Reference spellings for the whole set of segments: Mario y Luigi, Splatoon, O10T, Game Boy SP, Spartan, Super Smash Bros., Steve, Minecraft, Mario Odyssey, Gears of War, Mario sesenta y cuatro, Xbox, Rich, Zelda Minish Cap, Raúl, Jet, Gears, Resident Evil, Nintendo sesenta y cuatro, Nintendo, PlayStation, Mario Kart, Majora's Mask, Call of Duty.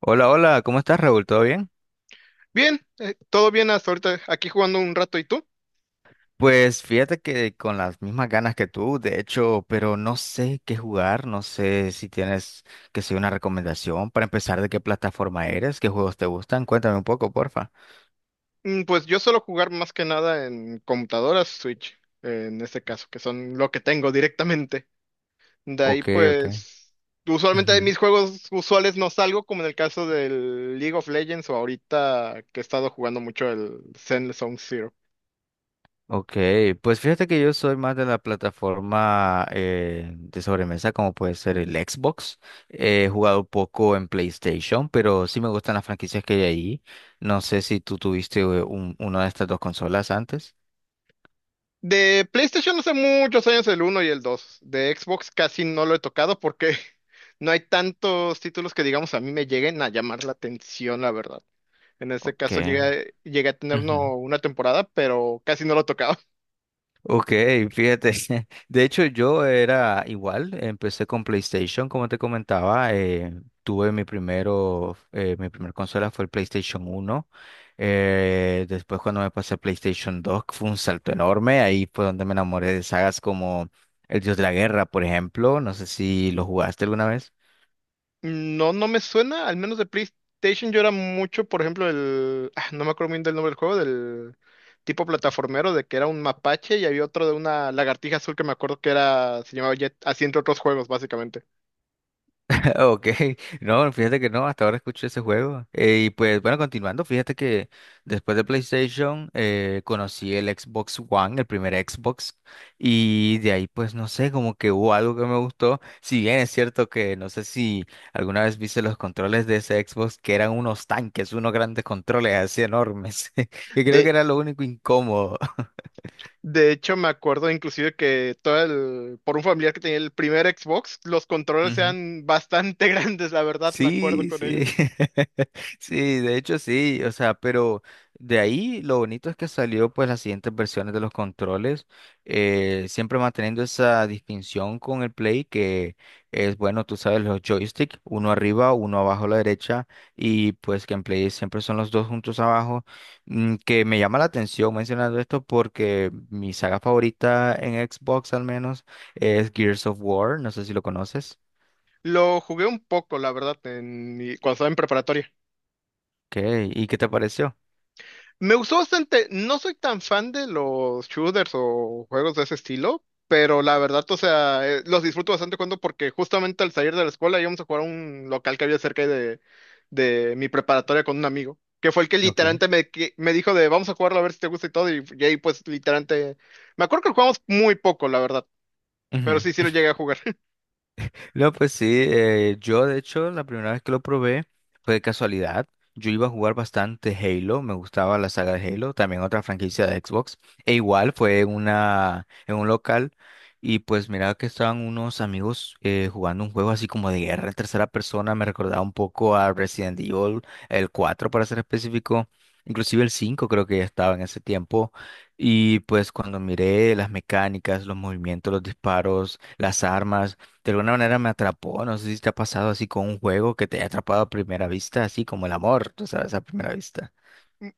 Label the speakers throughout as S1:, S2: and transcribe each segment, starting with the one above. S1: Hola, hola, ¿cómo estás, Raúl? ¿Todo bien?
S2: Bien, todo bien hasta ahorita, aquí jugando un rato, ¿y tú?
S1: Pues fíjate que con las mismas ganas que tú, de hecho, pero no sé qué jugar, no sé si tienes que ser una recomendación para empezar, de qué plataforma eres, qué juegos te gustan, cuéntame un poco, porfa.
S2: Pues yo suelo jugar más que nada en computadoras Switch, en este caso, que son lo que tengo directamente. De ahí,
S1: Ok, ok.
S2: pues, usualmente de
S1: Ujú.
S2: mis juegos usuales no salgo, como en el caso del League of Legends o ahorita que he estado jugando mucho el Zen Zone Zero.
S1: Ok, pues fíjate que yo soy más de la plataforma de sobremesa, como puede ser el Xbox. He jugado poco en PlayStation, pero sí me gustan las franquicias que hay ahí. No sé si tú tuviste una de estas dos consolas antes.
S2: De PlayStation hace muchos años el uno y el 2. De Xbox casi no lo he tocado porque no hay tantos títulos que digamos a mí me lleguen a llamar la atención, la verdad. En este
S1: Ok.
S2: caso llegué a tener
S1: Ujú.
S2: uno, una temporada, pero casi no lo tocaba.
S1: Ok, fíjate. De hecho, yo era igual. Empecé con PlayStation, como te comentaba. Tuve mi primer consola fue el PlayStation uno. Después, cuando me pasé a PlayStation dos, fue un salto enorme. Ahí fue donde me enamoré de sagas como El Dios de la Guerra, por ejemplo. No sé si lo jugaste alguna vez.
S2: No, no me suena, al menos de PlayStation yo era mucho, por ejemplo, el... ah, no me acuerdo bien del nombre del juego, del tipo plataformero, de que era un mapache y había otro de una lagartija azul que me acuerdo que era, se llamaba Jet, así entre otros juegos, básicamente.
S1: Ok, no, fíjate que no, hasta ahora escucho ese juego. Y pues bueno, continuando, fíjate que después de PlayStation conocí el Xbox One, el primer Xbox, y de ahí pues no sé, como que hubo algo que me gustó. Si bien es cierto que no sé si alguna vez viste los controles de ese Xbox, que eran unos tanques, unos grandes controles así enormes, que creo que
S2: De,
S1: era lo único incómodo.
S2: de hecho, me acuerdo inclusive que todo el... Por un familiar que tenía el primer Xbox, los controles eran bastante grandes, la verdad, me acuerdo
S1: Sí,
S2: con ello.
S1: sí, sí, de hecho sí, o sea, pero de ahí lo bonito es que salió pues las siguientes versiones de los controles, siempre manteniendo esa distinción con el Play, que es, bueno, tú sabes, los joysticks, uno arriba, uno abajo a la derecha, y pues que en Play siempre son los dos juntos abajo, que me llama la atención mencionando esto porque mi saga favorita en Xbox, al menos, es Gears of War. No sé si lo conoces.
S2: Lo jugué un poco, la verdad, en cuando estaba en preparatoria.
S1: ¿Qué? ¿Y qué te pareció?
S2: Me gustó bastante. No soy tan fan de los shooters o juegos de ese estilo, pero la verdad, o sea, los disfruto bastante jugando porque justamente al salir de la escuela íbamos a jugar a un local que había cerca de mi preparatoria con un amigo, que fue el que
S1: Ok.
S2: literalmente me dijo de vamos a jugarlo a ver si te gusta y todo, y ahí pues literalmente... Me acuerdo que lo jugamos muy poco, la verdad, pero
S1: Ujú.
S2: sí, sí lo llegué a jugar.
S1: No, pues sí, yo de hecho la primera vez que lo probé fue de casualidad. Yo iba a jugar bastante Halo, me gustaba la saga de Halo, también otra franquicia de Xbox. E igual fue en un local, y pues miraba que estaban unos amigos jugando un juego así como de guerra en tercera persona, me recordaba un poco a Resident Evil, el 4 para ser específico, inclusive el 5 creo que ya estaba en ese tiempo. Y pues cuando miré las mecánicas, los movimientos, los disparos, las armas, de alguna manera me atrapó. No sé si te ha pasado así con un juego que te haya atrapado a primera vista, así como el amor, tú sabes, a primera vista.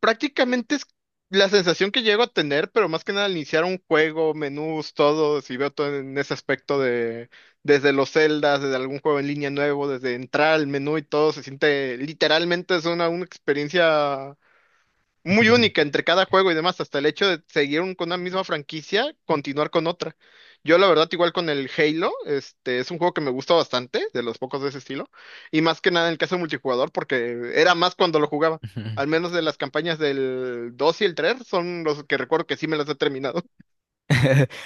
S2: Prácticamente es la sensación que llego a tener, pero más que nada al iniciar un juego, menús, todo, si veo todo en ese aspecto de desde los celdas, desde algún juego en línea nuevo, desde entrar al menú y todo, se siente literalmente es una experiencia muy única entre cada juego y demás, hasta el hecho de seguir con una misma franquicia, continuar con otra. Yo la verdad igual con el Halo, este es un juego que me gusta bastante, de los pocos de ese estilo, y más que nada en el caso de multijugador, porque era más cuando lo jugaba. Al menos de las campañas del 2 y el 3 son los que recuerdo que sí me las he terminado.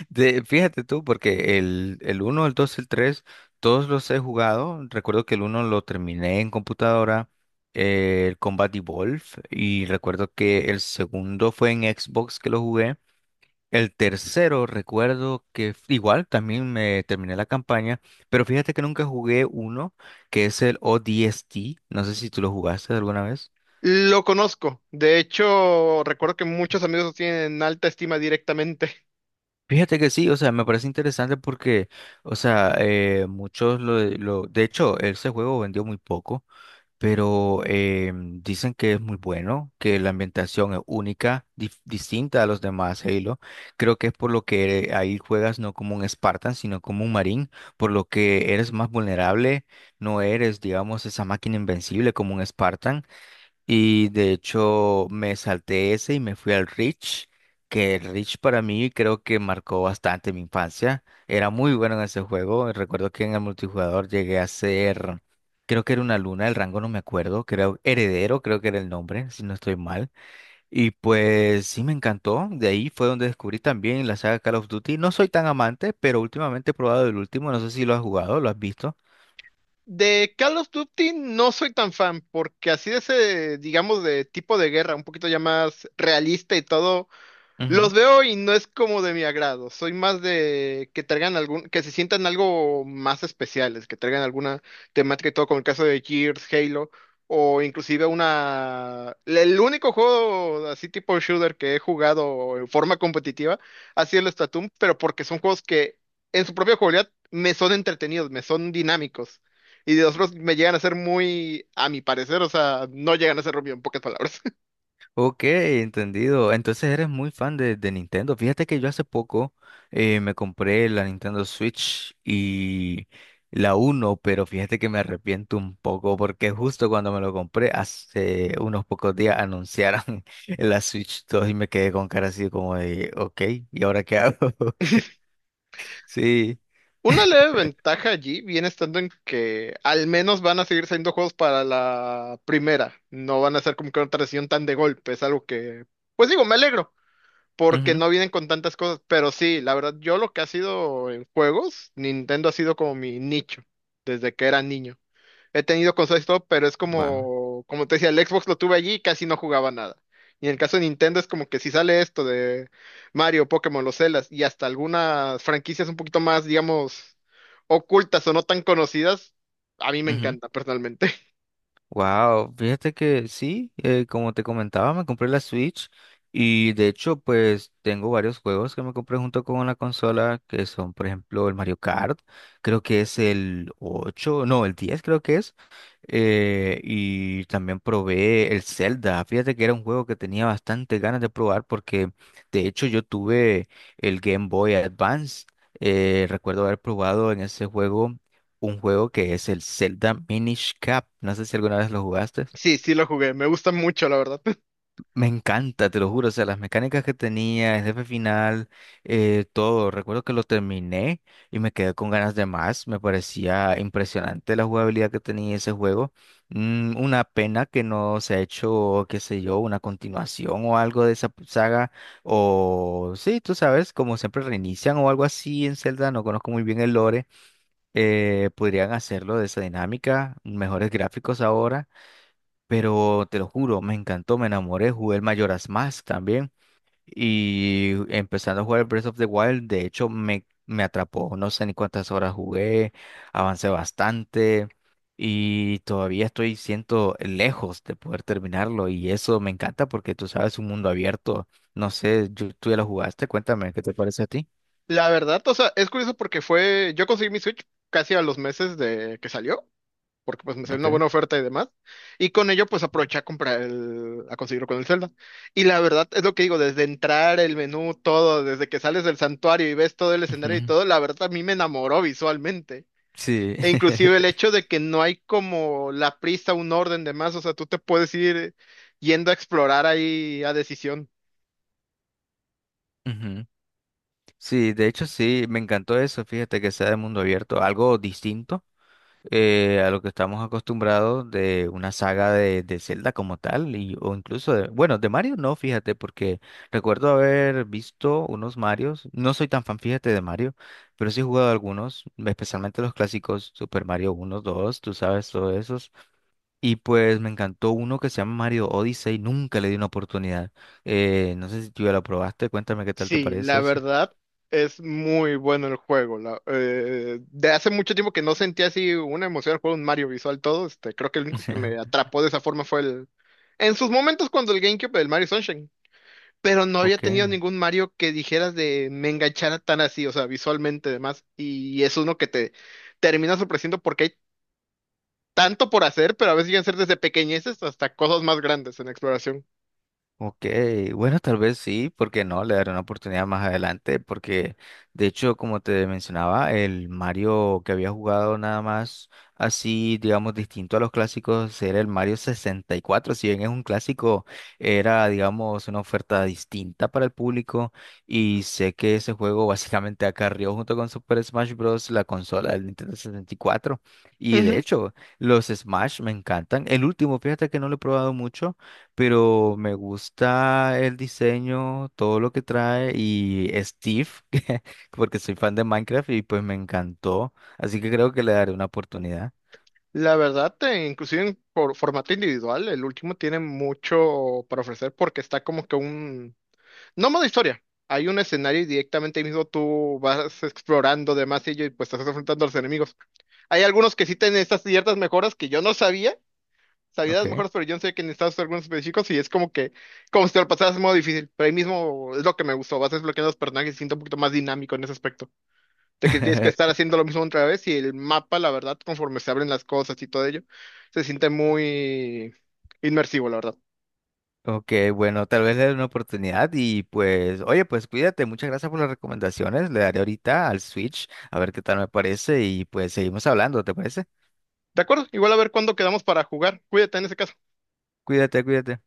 S1: Fíjate tú, porque el uno, el dos, el tres, todos los he jugado. Recuerdo que el uno lo terminé en computadora, el Combat Evolve, y recuerdo que el segundo fue en Xbox que lo jugué. El tercero, recuerdo que igual también me terminé la campaña, pero fíjate que nunca jugué uno, que es el O10T. No sé si tú lo jugaste alguna vez.
S2: Lo conozco. De hecho, recuerdo que muchos amigos lo tienen en alta estima directamente.
S1: Fíjate que sí, o sea, me parece interesante porque, o sea, muchos De hecho, ese juego vendió muy poco. Pero dicen que es muy bueno, que la ambientación es única, distinta a los demás Halo. Creo que es por lo que ahí juegas no como un Spartan, sino como un marín, por lo que eres más vulnerable, no eres, digamos, esa máquina invencible como un Spartan. Y de hecho me salté ese y me fui al Rich, que el Rich para mí creo que marcó bastante mi infancia. Era muy bueno en ese juego. Recuerdo que en el multijugador llegué a ser, creo que era una luna, el rango no me acuerdo, creo heredero, creo que era el nombre, si no estoy mal. Y pues sí, me encantó. De ahí fue donde descubrí también la saga Call of Duty. No soy tan amante, pero últimamente he probado el último, no sé si lo has jugado, lo has visto.
S2: De Call of Duty no soy tan fan, porque así de ese, digamos, de tipo de guerra, un poquito ya más realista y todo. Los veo y no es como de mi agrado. Soy más de que traigan algún, que se sientan algo más especiales, que traigan alguna temática y todo, como el caso de Gears, Halo, o inclusive una. El único juego así tipo shooter que he jugado en forma competitiva ha sido el Splatoon, pero porque son juegos que en su propia jugabilidad me son entretenidos, me son dinámicos. Y de otros me llegan a ser muy, a mi parecer, o sea, no llegan a ser bien, en pocas palabras.
S1: Ok, entendido. Entonces eres muy fan de, Nintendo. Fíjate que yo hace poco me compré la Nintendo Switch y la 1, pero fíjate que me arrepiento un poco porque justo cuando me lo compré, hace unos pocos días anunciaron la Switch 2 y me quedé con cara así como de, ok, ¿y ahora qué hago? Sí.
S2: Una leve ventaja allí viene estando en que al menos van a seguir siendo juegos para la primera. No van a ser como que una transición tan de golpe. Es algo que, pues digo, me alegro porque no vienen con tantas cosas. Pero sí, la verdad, yo lo que ha sido en juegos, Nintendo ha sido como mi nicho desde que era niño. He tenido consolas y todo, pero es
S1: Wow.
S2: como, como te decía, el Xbox lo tuve allí y casi no jugaba nada. Y en el caso de Nintendo es como que si sale esto de Mario, Pokémon, los Zeldas y hasta algunas franquicias un poquito más, digamos, ocultas o no tan conocidas, a mí me encanta personalmente.
S1: Wow, fíjate que sí, como te comentaba, me compré la Switch, y de hecho pues tengo varios juegos que me compré junto con la consola que son, por ejemplo, el Mario Kart, creo que es el 8, no, el 10, creo que es, y también probé el Zelda, fíjate que era un juego que tenía bastante ganas de probar porque de hecho yo tuve el Game Boy Advance, recuerdo haber probado en ese juego un juego que es el Zelda Minish Cap. No sé si alguna vez lo jugaste.
S2: Sí, sí lo jugué, me gusta mucho, la verdad.
S1: Me encanta, te lo juro. O sea, las mecánicas que tenía, el jefe final, todo. Recuerdo que lo terminé y me quedé con ganas de más. Me parecía impresionante la jugabilidad que tenía ese juego. Una pena que no se ha hecho, qué sé yo, una continuación o algo de esa saga. O sí, tú sabes, como siempre reinician o algo así en Zelda. No conozco muy bien el lore, podrían hacerlo de esa dinámica, mejores gráficos ahora, pero te lo juro, me encantó, me enamoré, jugué el Majora's Mask también, y empezando a jugar el Breath of the Wild, de hecho me, atrapó, no sé ni cuántas horas jugué, avancé bastante, y todavía estoy siento lejos de poder terminarlo, y eso me encanta porque tú sabes, un mundo abierto, no sé, tú ya lo jugaste, cuéntame, ¿qué te parece a ti?
S2: La verdad, o sea, es curioso porque fue, yo conseguí mi Switch casi a los meses de que salió. Porque pues me salió
S1: ¿Ok?
S2: una buena oferta y demás. Y con ello pues aproveché a comprar el, a conseguirlo con el Zelda. Y la verdad es lo que digo, desde entrar el menú, todo, desde que sales del santuario y ves todo el escenario y
S1: Ujú.
S2: todo, la verdad a mí me enamoró visualmente.
S1: Sí.
S2: E inclusive el hecho de que no hay como la prisa, un orden de más, o sea, tú te puedes ir yendo a explorar ahí a decisión.
S1: Ujú. Sí, de hecho sí, me encantó eso, fíjate que sea de mundo abierto, algo distinto, a lo que estamos acostumbrados de una saga de Zelda como tal, o incluso de, bueno, de Mario no, fíjate, porque recuerdo haber visto unos Marios, no soy tan fan, fíjate, de Mario, pero sí he jugado algunos, especialmente los clásicos Super Mario uno, 2, tú sabes, todos esos, y pues me encantó uno que se llama Mario Odyssey, nunca le di una oportunidad, no sé si tú ya lo probaste, cuéntame qué tal te
S2: Sí,
S1: parece
S2: la
S1: ese.
S2: verdad es muy bueno el juego. De hace mucho tiempo que no sentía así una emoción al juego, un Mario visual todo. Este, creo que el único que me atrapó de esa forma fue el... En sus momentos cuando el GameCube, el Mario Sunshine. Pero no había
S1: Ok,
S2: tenido ningún Mario que dijeras de me enganchara tan así, o sea, visualmente además. Y es uno que te termina sorprendiendo porque hay tanto por hacer, pero a veces llegan a ser desde pequeñeces hasta cosas más grandes en exploración.
S1: ok. Bueno, tal vez sí, porque no, le daré una oportunidad más adelante, porque de hecho, como te mencionaba, el Mario que había jugado, nada más así, digamos, distinto a los clásicos, era el Mario 64. Si bien es un clásico, era, digamos, una oferta distinta para el público. Y sé que ese juego básicamente acarrió junto con Super Smash Bros. La consola del Nintendo 64. Y de hecho, los Smash me encantan. El último, fíjate que no lo he probado mucho, pero me gusta el diseño, todo lo que trae, y Steve, porque soy fan de Minecraft, y pues me encantó, así que creo que le daré una oportunidad.
S2: La verdad, inclusive en por formato individual, el último tiene mucho para ofrecer porque está como que un... No modo historia. Hay un escenario y directamente ahí mismo tú vas explorando demás y pues te estás enfrentando a los enemigos. Hay algunos que sí tienen estas ciertas mejoras que yo no sabía. Sabía las
S1: Ok.
S2: mejoras, pero yo no sé que necesitas algunos específicos y es como que, como si te lo pasaras en modo difícil. Pero ahí mismo es lo que me gustó. Vas desbloqueando los personajes y siento un poquito más dinámico en ese aspecto de que tienes que estar haciendo lo mismo otra vez y el mapa, la verdad, conforme se abren las cosas y todo ello, se siente muy inmersivo, la verdad.
S1: Ok, bueno, tal vez le dé una oportunidad y pues, oye, pues cuídate, muchas gracias por las recomendaciones, le daré ahorita al Switch a ver qué tal me parece, y pues seguimos hablando, ¿te parece?
S2: De acuerdo, igual a ver cuándo quedamos para jugar. Cuídate en ese caso.
S1: Cuídate, cuídate.